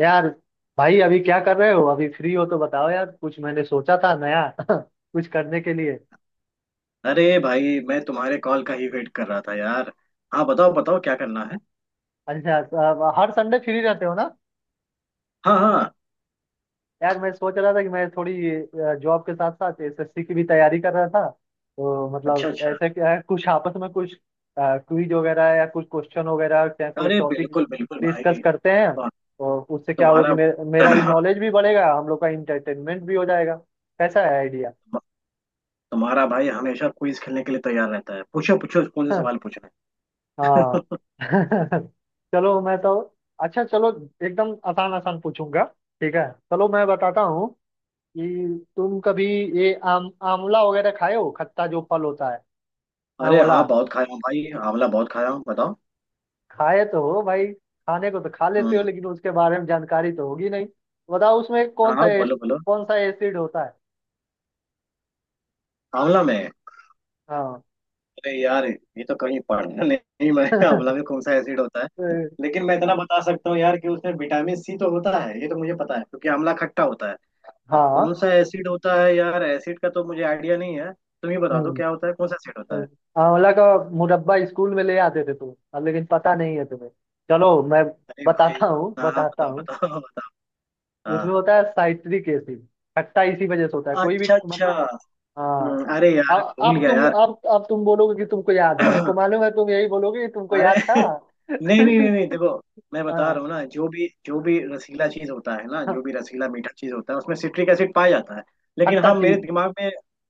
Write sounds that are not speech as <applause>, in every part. यार भाई अभी क्या कर रहे हो? अभी फ्री हो तो बताओ यार, कुछ मैंने सोचा था नया <laughs> कुछ करने के लिए। अरे भाई, मैं तुम्हारे कॉल का ही वेट कर रहा था यार। हाँ, बताओ बताओ, क्या करना है। अच्छा, अब हर संडे फ्री रहते हो ना। हाँ हाँ। यार मैं सोच रहा था कि मैं थोड़ी जॉब के साथ साथ एसएससी की भी तैयारी कर रहा था, तो अच्छा मतलब अच्छा। ऐसा क्या है कुछ आपस में कुछ क्विज वगैरह या कुछ क्वेश्चन वगैरह या कोई अरे टॉपिक बिल्कुल बिल्कुल डिस्कस भाई। करते हैं। हाँ, और उससे क्या होगा कि तुम्हारा मेरा भी <clears throat> नॉलेज भी बढ़ेगा, हम लोग का इंटरटेनमेंट भी हो जाएगा। कैसा है आइडिया? तुम्हारा भाई हमेशा क्विज खेलने के लिए तैयार रहता है। पूछो पूछो, कौन से सवाल <laughs> पूछना हाँ। है। <laughs> <laughs> चलो मैं तो। अच्छा चलो, एकदम आसान आसान पूछूंगा। ठीक है, चलो मैं बताता हूँ कि तुम कभी ये आम आंवला वगैरह खाए हो, खट्टा जो फल होता है, अरे आंवला। हाँ, बहुत खाया हूँ भाई, आंवला बहुत खाया हूँ, बताओ। खाए तो हो भाई। खाने को तो खा लेते हो हम्म। लेकिन उसके बारे में जानकारी तो होगी नहीं। बताओ उसमें हाँ हाँ, बोलो बोलो। कौन सा एसिड होता है। आंवला में? हाँ। अरे यार, ये तो कहीं पढ़ा नहीं मैं। <laughs> आंवला में <laughs> कौन सा एसिड होता है? तो- लेकिन मैं इतना बता सकता हूँ यार कि उसमें विटामिन सी तो होता है, ये तो मुझे पता है क्योंकि आंवला खट्टा होता है। अब हाँ। कौन सा एसिड होता है यार, एसिड का तो मुझे आइडिया नहीं है, तुम ही बता दो हम्म, क्या होता है, कौन सा एसिड होता है। आंवला का मुरब्बा स्कूल में ले आते थे तुम, अब लेकिन पता नहीं है तुम्हें। चलो मैं अरे भाई, बताता हूँ हाँ, बताता बताओ हूँ, बताओ, <laughs> बताओ। हाँ। उसमें होता है साइट्रिक एसिड। खट्टा इसी वजह से होता है, कोई भी अच्छा अच्छा। मतलब। हाँ। अरे यार, अब भूल अब गया तुम यार। अब अब तुम बोलोगे कि तुमको याद है, हमको <clears throat> मालूम है, तुम यही बोलोगे कि तुमको अरे याद था। <laughs> <laughs> नहीं नहीं नहीं नहीं, देखो मैं बता रहा हाँ। हूँ ना, जो भी रसीला चीज होता है ना, हाँ, जो भी रसीला मीठा चीज होता है उसमें सिट्रिक एसिड पाया जाता है। लेकिन खट्टा हाँ, मेरे चीज। दिमाग में,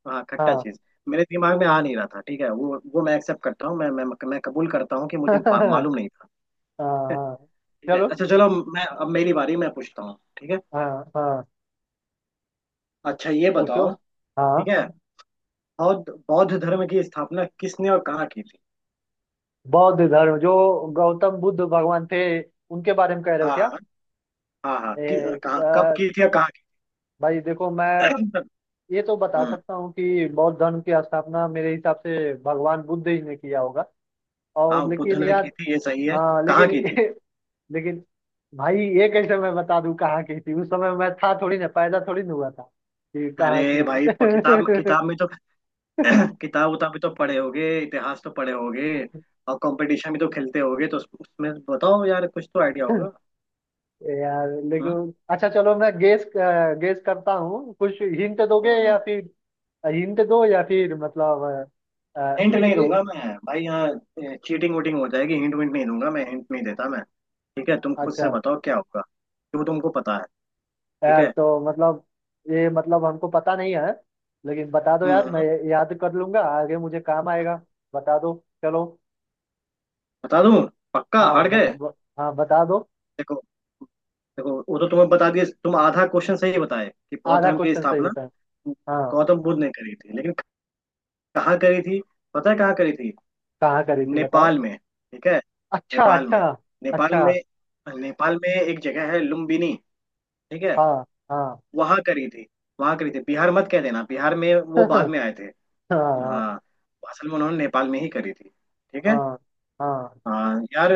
हाँ, खट्टा हाँ। चीज, मेरे दिमाग में आ नहीं रहा था। ठीक है, वो मैं एक्सेप्ट करता हूँ। मैं कबूल करता हूँ कि मुझे <laughs> मालूम नहीं था। हाँ। हाँ ठीक है, चलो। अच्छा चलो, मैं अब मेरी बारी, मैं पूछता हूँ, ठीक है। हाँ। हाँ अच्छा ये पूछो। बताओ, हाँ। ठीक है, बौद्ध बौद्ध धर्म की स्थापना किसने और कहाँ की थी? बौद्ध धर्म जो, गौतम बुद्ध भगवान थे, उनके बारे में कह रहे हो क्या? हाँ हाँ हाँ, एक, कहाँ कब अ, की थी और कहाँ की भाई देखो, मैं थी? ये तो बता हम्म। सकता हूँ कि बौद्ध धर्म की स्थापना मेरे हिसाब से भगवान बुद्ध ही ने किया होगा, हाँ, और बुद्ध लेकिन ने यार। की थी, ये सही है। हाँ कहाँ लेकिन की थी? <laughs> लेकिन भाई, ये कैसे मैं बता दूँ कहाँ की थी? उस समय मैं था थोड़ी ना, पैदा थोड़ी ना हुआ था कि कहाँ की अरे थी। भाई, किताब किताब <laughs> में तो किताब उताब भी तो पढ़े होगे, इतिहास तो पढ़े होगे और कंपटीशन भी तो खेलते होगे, तो उसमें बताओ यार, कुछ तो आइडिया होगा। यार लेकिन, अच्छा चलो, मैं गेस, गेस करता हूँ, कुछ हिंट दोगे हम्म। या फिर, हिंट दो या फिर मतलब अ, अ, हिंट इ, नहीं इ, दूंगा मैं भाई, यहाँ चीटिंग वोटिंग हो जाएगी, हिंट विंट नहीं दूंगा मैं, हिंट नहीं देता मैं। ठीक है, तुम खुद से अच्छा। बताओ क्या होगा जो तुमको पता है, ठीक यार है। तो मतलब ये मतलब हमको पता नहीं है, लेकिन बता दो यार, मैं हम्म। याद कर लूंगा, आगे मुझे काम आएगा। बता दो। चलो। बता दूं? पक्का हाँ हार गए? हाँ बता दो। देखो, देखो वो तो तुम्हें बता दिए, तुम आधा क्वेश्चन सही बताए कि बौद्ध आधा धर्म की क्वेश्चन सही स्थापना बताए? हाँ। गौतम बुद्ध ने करी थी, लेकिन कहाँ करी थी, पता है कहाँ करी थी? कहाँ करी थी बताओ? नेपाल में, ठीक है। अच्छा नेपाल अच्छा। में। नेपाल अच्छा। में। नेपाल में एक जगह है लुम्बिनी, ठीक है। हाँ। हाँ। वहां करी थी, वहां करी थी। बिहार मत कह देना, बिहार में <laughs> वो बाद हाँ। में आए थे। हाँ। हाँ, असल में उन्होंने नेपाल में ही करी थी, ठीक है। हाँ। हाँ। हाँ यार,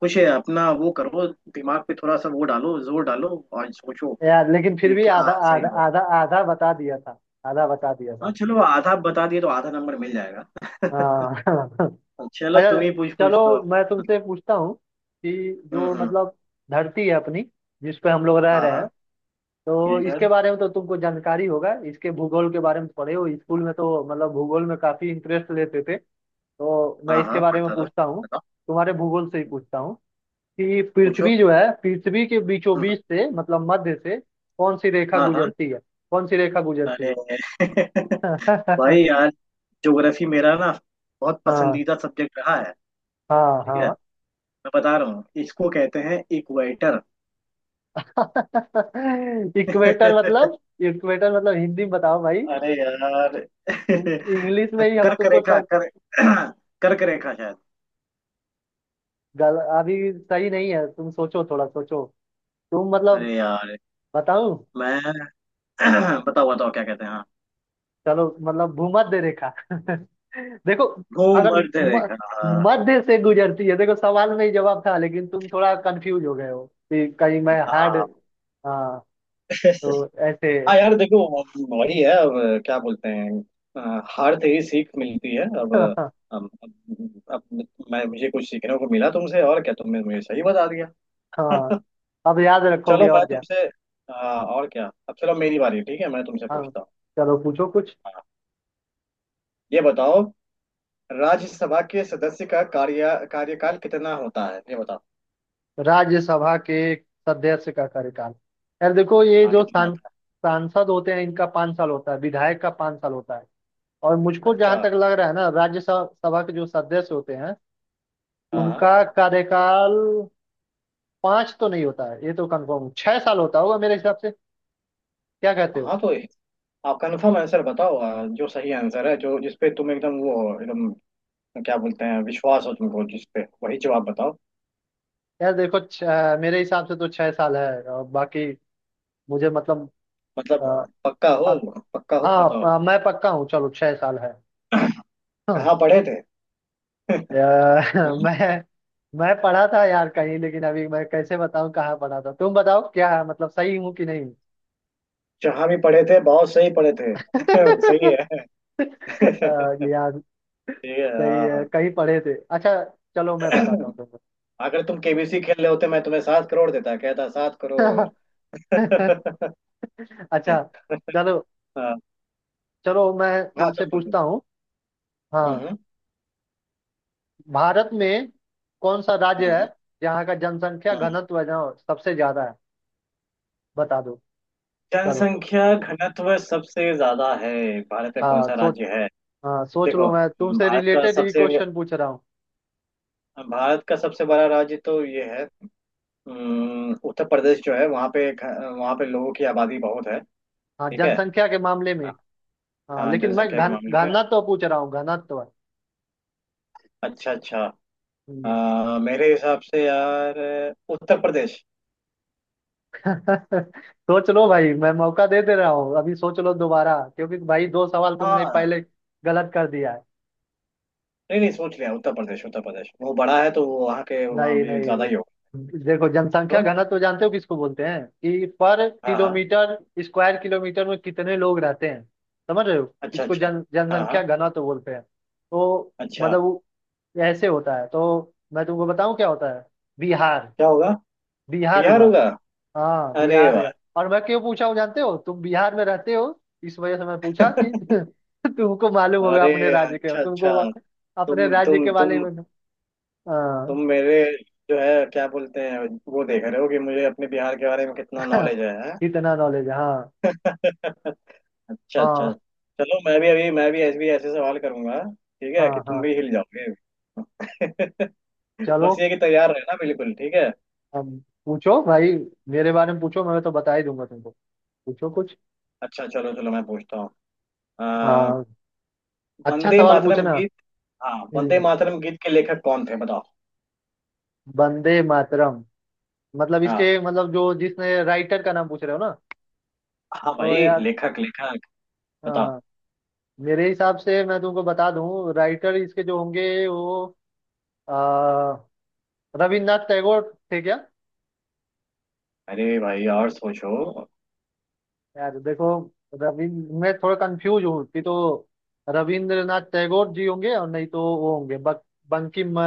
कुछ अपना वो करो, दिमाग पे थोड़ा सा वो डालो, जोर डालो और सोचो यार लेकिन फिर कि भी आधा क्या सही आधा होगा। आधा आधा बता दिया था। आधा बता दिया हाँ था। चलो, आधा बता दिए तो आधा नंबर मिल जाएगा। हाँ। <laughs> <laughs> चलो, तुम अच्छा, ही पूछ पूछ लो। चलो मैं तुमसे पूछता हूँ कि जो हम्म। मतलब धरती है अपनी, जिस पे हम लोग रह हाँ रहे हैं, हाँ। तो ठीक है। इसके बारे में तो तुमको जानकारी होगा, इसके भूगोल के बारे में तो पढ़े हो स्कूल में, तो मतलब भूगोल में काफी इंटरेस्ट लेते थे, तो मैं हाँ इसके हाँ, बारे में पढ़ता था, पूछता हूँ। बताओ। तुम्हारे भूगोल से ही पूछता हूँ कि पूछो। पृथ्वी जो है, पृथ्वी के बीचों हम्म। बीच से, मतलब मध्य से कौन सी रेखा हाँ हाँ। गुजरती है? कौन सी रेखा गुजरती अरे है? <laughs> <laughs> भाई हाँ। यार, ज्योग्राफी मेरा ना बहुत पसंदीदा सब्जेक्ट रहा है, हाँ। ठीक है। हाँ। मैं बता रहा हूँ, इसको कहते हैं इक्वेटर। <laughs> इक्वेटर <laughs> मतलब, इक्वेटर मतलब हिंदी में बताओ भाई। अरे यार तुम इंग्लिश <laughs> में ही हम कर्क तुमको रेखा सर कर <clears throat> कर्क रेखा शायद। गल अभी सही नहीं है, तुम सोचो, थोड़ा सोचो, तुम मतलब, अरे यार, बताऊं? मैं <clears throat> बताओ बताओ क्या कहते हैं, हाँ। चलो, मतलब भूमध्य रेखा। <laughs> देखो, अगर भूमध्य रेखा, हाँ मध्य से गुजरती है, देखो सवाल में ही जवाब था, लेकिन तुम थोड़ा कंफ्यूज हो गए हो कि कहीं मैं हार्ड। हाँ। हाँ, <laughs> तो ऐसे। हाँ यार देखो, वही है अब, क्या बोलते हैं, हार से ही सीख मिलती है। <laughs> अब, अब, अब मैं, मुझे कुछ सीखने को मिला तुमसे और क्या, तुमने मुझे सही बता दिया। हाँ। अब याद चलो रखोगे मैं और क्या। तुमसे और क्या, अब चलो मेरी बारी, ठीक है, मैं तुमसे हाँ पूछता हूँ। चलो, पूछो कुछ। ये बताओ, राज्यसभा के सदस्य का कार्यकाल कितना होता है, ये बताओ। राज्यसभा के सदस्य का कार्यकाल? यार देखो, ये हाँ, जो कितना होता सांसद होते हैं, इनका 5 साल होता है, विधायक का 5 साल होता है, और है, मुझको जहां अच्छा। तक लग रहा है ना, राज्यसभा सभा के जो सदस्य होते हैं, हाँ उनका हाँ। कार्यकाल पाँच तो नहीं होता है, ये तो कंफर्म 6 साल होता होगा मेरे हिसाब से। क्या कहते हो? हाँ, तो आप कन्फर्म आंसर बताओ, जो सही आंसर है, जो जिसपे तुम एकदम वो हो, एकदम क्या बोलते हैं, विश्वास हो तुमको जिसपे, वही जवाब बताओ। यार देखो मेरे हिसाब से तो 6 साल है, और बाकी मुझे मतलब अ, मतलब पक्का हो? हाँ। पक्का हो, बताओ। हाँ, मैं पक्का हूँ, चलो 6 साल है। हाँ। कहाँ पढ़े थे? <laughs> अ, <laughs> हम्म? मैं मैं पढ़ा था यार कहीं, लेकिन अभी मैं कैसे बताऊं कहाँ पढ़ा था। तुम बताओ क्या है, मतलब सही हूँ कि नहीं? जहाँ भी पढ़े थे, बहुत सही पढ़े थे। <laughs> <laughs> सही है। <laughs> ये ठीक यार है, सही हाँ है, हाँ। कहीं पढ़े थे। अच्छा चलो मैं बताता हूँ तुमको। अगर तुम केबीसी खेल रहे होते मैं तुम्हें 7 करोड़ देता, कहता 7 करोड़। <laughs> <laughs> अच्छा चलो हाँ, चलो मैं हाँ, तुमसे तुम बोलो। पूछता हूँ। हम्म हाँ, हम्म। भारत में कौन सा राज्य है हम्म जहाँ का जनसंख्या हम्म। घनत्व है, जहाँ सबसे ज्यादा है? बता दो। चलो। जनसंख्या घनत्व सबसे ज्यादा है, भारत में कौन हाँ सा सोच। राज्य है। हाँ सोच देखो, लो, मैं तुमसे भारत का रिलेटेड ही सबसे, क्वेश्चन पूछ रहा हूँ। भारत का सबसे बड़ा राज्य तो ये है, उत्तर प्रदेश, जो है वहाँ पे वहाँ पे लोगों की आबादी बहुत है, हाँ ठीक है। जनसंख्या के मामले में, हाँ हाँ, लेकिन मैं जनसंख्या के घन मामले में। घनत्व पूछ रहा हूँ, घनत्व। अच्छा अच्छा। हम्म। मेरे हिसाब से यार उत्तर प्रदेश। <laughs> सोच लो भाई, मैं मौका दे दे रहा हूँ, अभी सोच लो दोबारा, क्योंकि भाई दो सवाल तुमने हाँ, पहले गलत कर दिया है। नहीं नहीं, सोच लिया, उत्तर प्रदेश, उत्तर प्रदेश वो बड़ा है तो वो वहाँ के वहाँ नहीं भी ज्यादा ही होगा नहीं देखो, जनसंख्या तो। घनत्व जानते हो किसको बोलते हैं? कि पर हाँ हाँ। किलोमीटर, स्क्वायर किलोमीटर में कितने लोग रहते हैं, समझ रहे हो? अच्छा इसको अच्छा। जन हाँ हाँ। जनसंख्या घनत्व बोलते हैं। तो अच्छा, मतलब वो ऐसे होता है, तो मैं तुमको बताऊं क्या होता है। बिहार। क्या होगा? बिहार बिहार हुआ। होगा? हाँ अरे बिहार वाह। का। और मैं क्यों पूछा हूँ जानते हो? तुम बिहार में रहते हो, इस वजह से मैं पूछा कि <laughs> <laughs> तुमको मालूम होगा अरे, अपने राज्य के, अच्छा अच्छा। तुमको अपने तुम राज्य तुम के बारे तुम में। हाँ। तुम मेरे जो है, क्या बोलते हैं, वो देख रहे हो कि मुझे अपने बिहार के बारे में कितना <laughs> नॉलेज है, हैं? इतना नॉलेज। हाँ। <laughs> अच्छा अच्छा। हाँ। चलो मैं भी अभी मैं भी ऐसे सवाल करूंगा, ठीक है, कि हाँ। तुम हाँ भी हिल जाओगे। <laughs> बस चलो। ये कि तैयार रहना बिल्कुल, ठीक है। अब पूछो भाई, मेरे बारे में पूछो, मैं तो बता ही दूंगा तुमको। पूछो कुछ। अच्छा चलो चलो, मैं पूछता हूँ, अ, हाँ। अच्छा वंदे सवाल मातरम पूछना। गीत, हाँ, वंदे हम्म। मातरम गीत के लेखक कौन थे बताओ। वंदे मातरम मतलब, हाँ, इसके मतलब जो, जिसने राइटर का नाम पूछ रहे हो ना। हाँ तो भाई, यार, लेखक लेखक। हाँ। मेरे हिसाब से मैं तुमको बता दूं, राइटर इसके जो होंगे वो आ, रविन्द्रनाथ टैगोर थे क्या? अरे भाई, और सोचो। यार देखो, रविंद्र, मैं थोड़ा कंफ्यूज हूँ कि तो, रविंद्रनाथ टैगोर जी होंगे, और नहीं तो वो होंगे बंकिम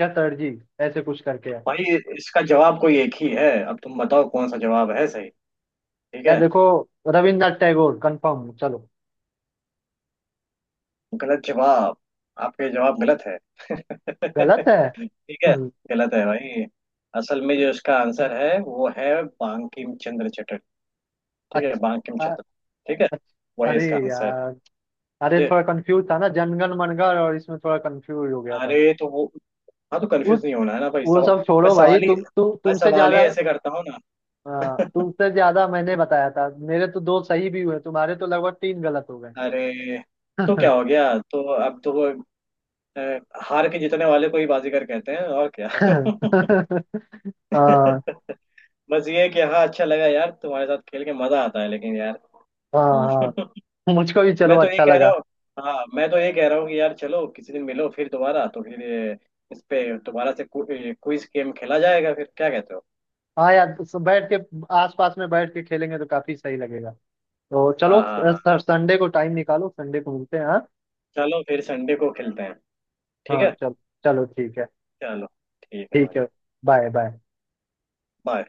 चटर्जी, ऐसे कुछ करके है। भाई इसका जवाब कोई एक ही है, अब तुम बताओ कौन सा जवाब है सही, ठीक यार है। देखो, रविन्द्रनाथ टैगोर कंफर्म चलो। गलत जवाब, आपके जवाब गलत है। गलत <laughs> है? ठीक है, हम्म। गलत है भाई। असल में जो इसका आंसर है वो है बांकिम चंद्र चटर्जी, ठीक है, बांकिम अच्छा अ- चंद्र, ठीक है, अच्छा, वही अरे इसका आंसर है। यार। अरे जी, थोड़ा कंफ्यूज था ना, जनगण मनगढ़ और इसमें थोड़ा कंफ्यूज हो गया था मैं। अरे तो वो, हाँ तो कंफ्यूज नहीं होना है ना भाई वो सवाल। सब मैं छोड़ो भाई, सवाल ही मैं तुमसे सवाल ही ज्यादा, ऐसे करता हूँ ना। <laughs> तुमसे ज्यादा मैंने बताया था। मेरे तो दो सही भी हुए, तुम्हारे तो लगभग तीन गलत हो गए। अरे तो क्या हो गया, तो अब तो वो अ, हार के जीतने वाले को ही बाजीगर कहते हैं, और क्या। <laughs> हाँ। हाँ। <laughs> बस ये है कि हाँ, अच्छा लगा यार, तुम्हारे साथ खेल के मजा आता है लेकिन यार। हम्म। हाँ मुझको भी <laughs> चलो मैं तो ये अच्छा कह रहा लगा। हूँ, हाँ मैं तो ये कह रहा हूँ कि यार चलो किसी दिन मिलो फिर दोबारा तो फिर इस पे दोबारा से क्विज गेम खेला जाएगा फिर, क्या कहते हो। हाँ यार, तो बैठ के, आसपास में बैठ के खेलेंगे तो काफी सही लगेगा। तो चलो हाँ हाँ हाँ, सर, संडे को टाइम निकालो, संडे को मिलते हैं हाँ। चलो फिर संडे को खेलते हैं, ठीक हाँ है। चलो। चलो ठीक है। चलो, ठीक है ठीक भाई। है। Bye bye. बाय।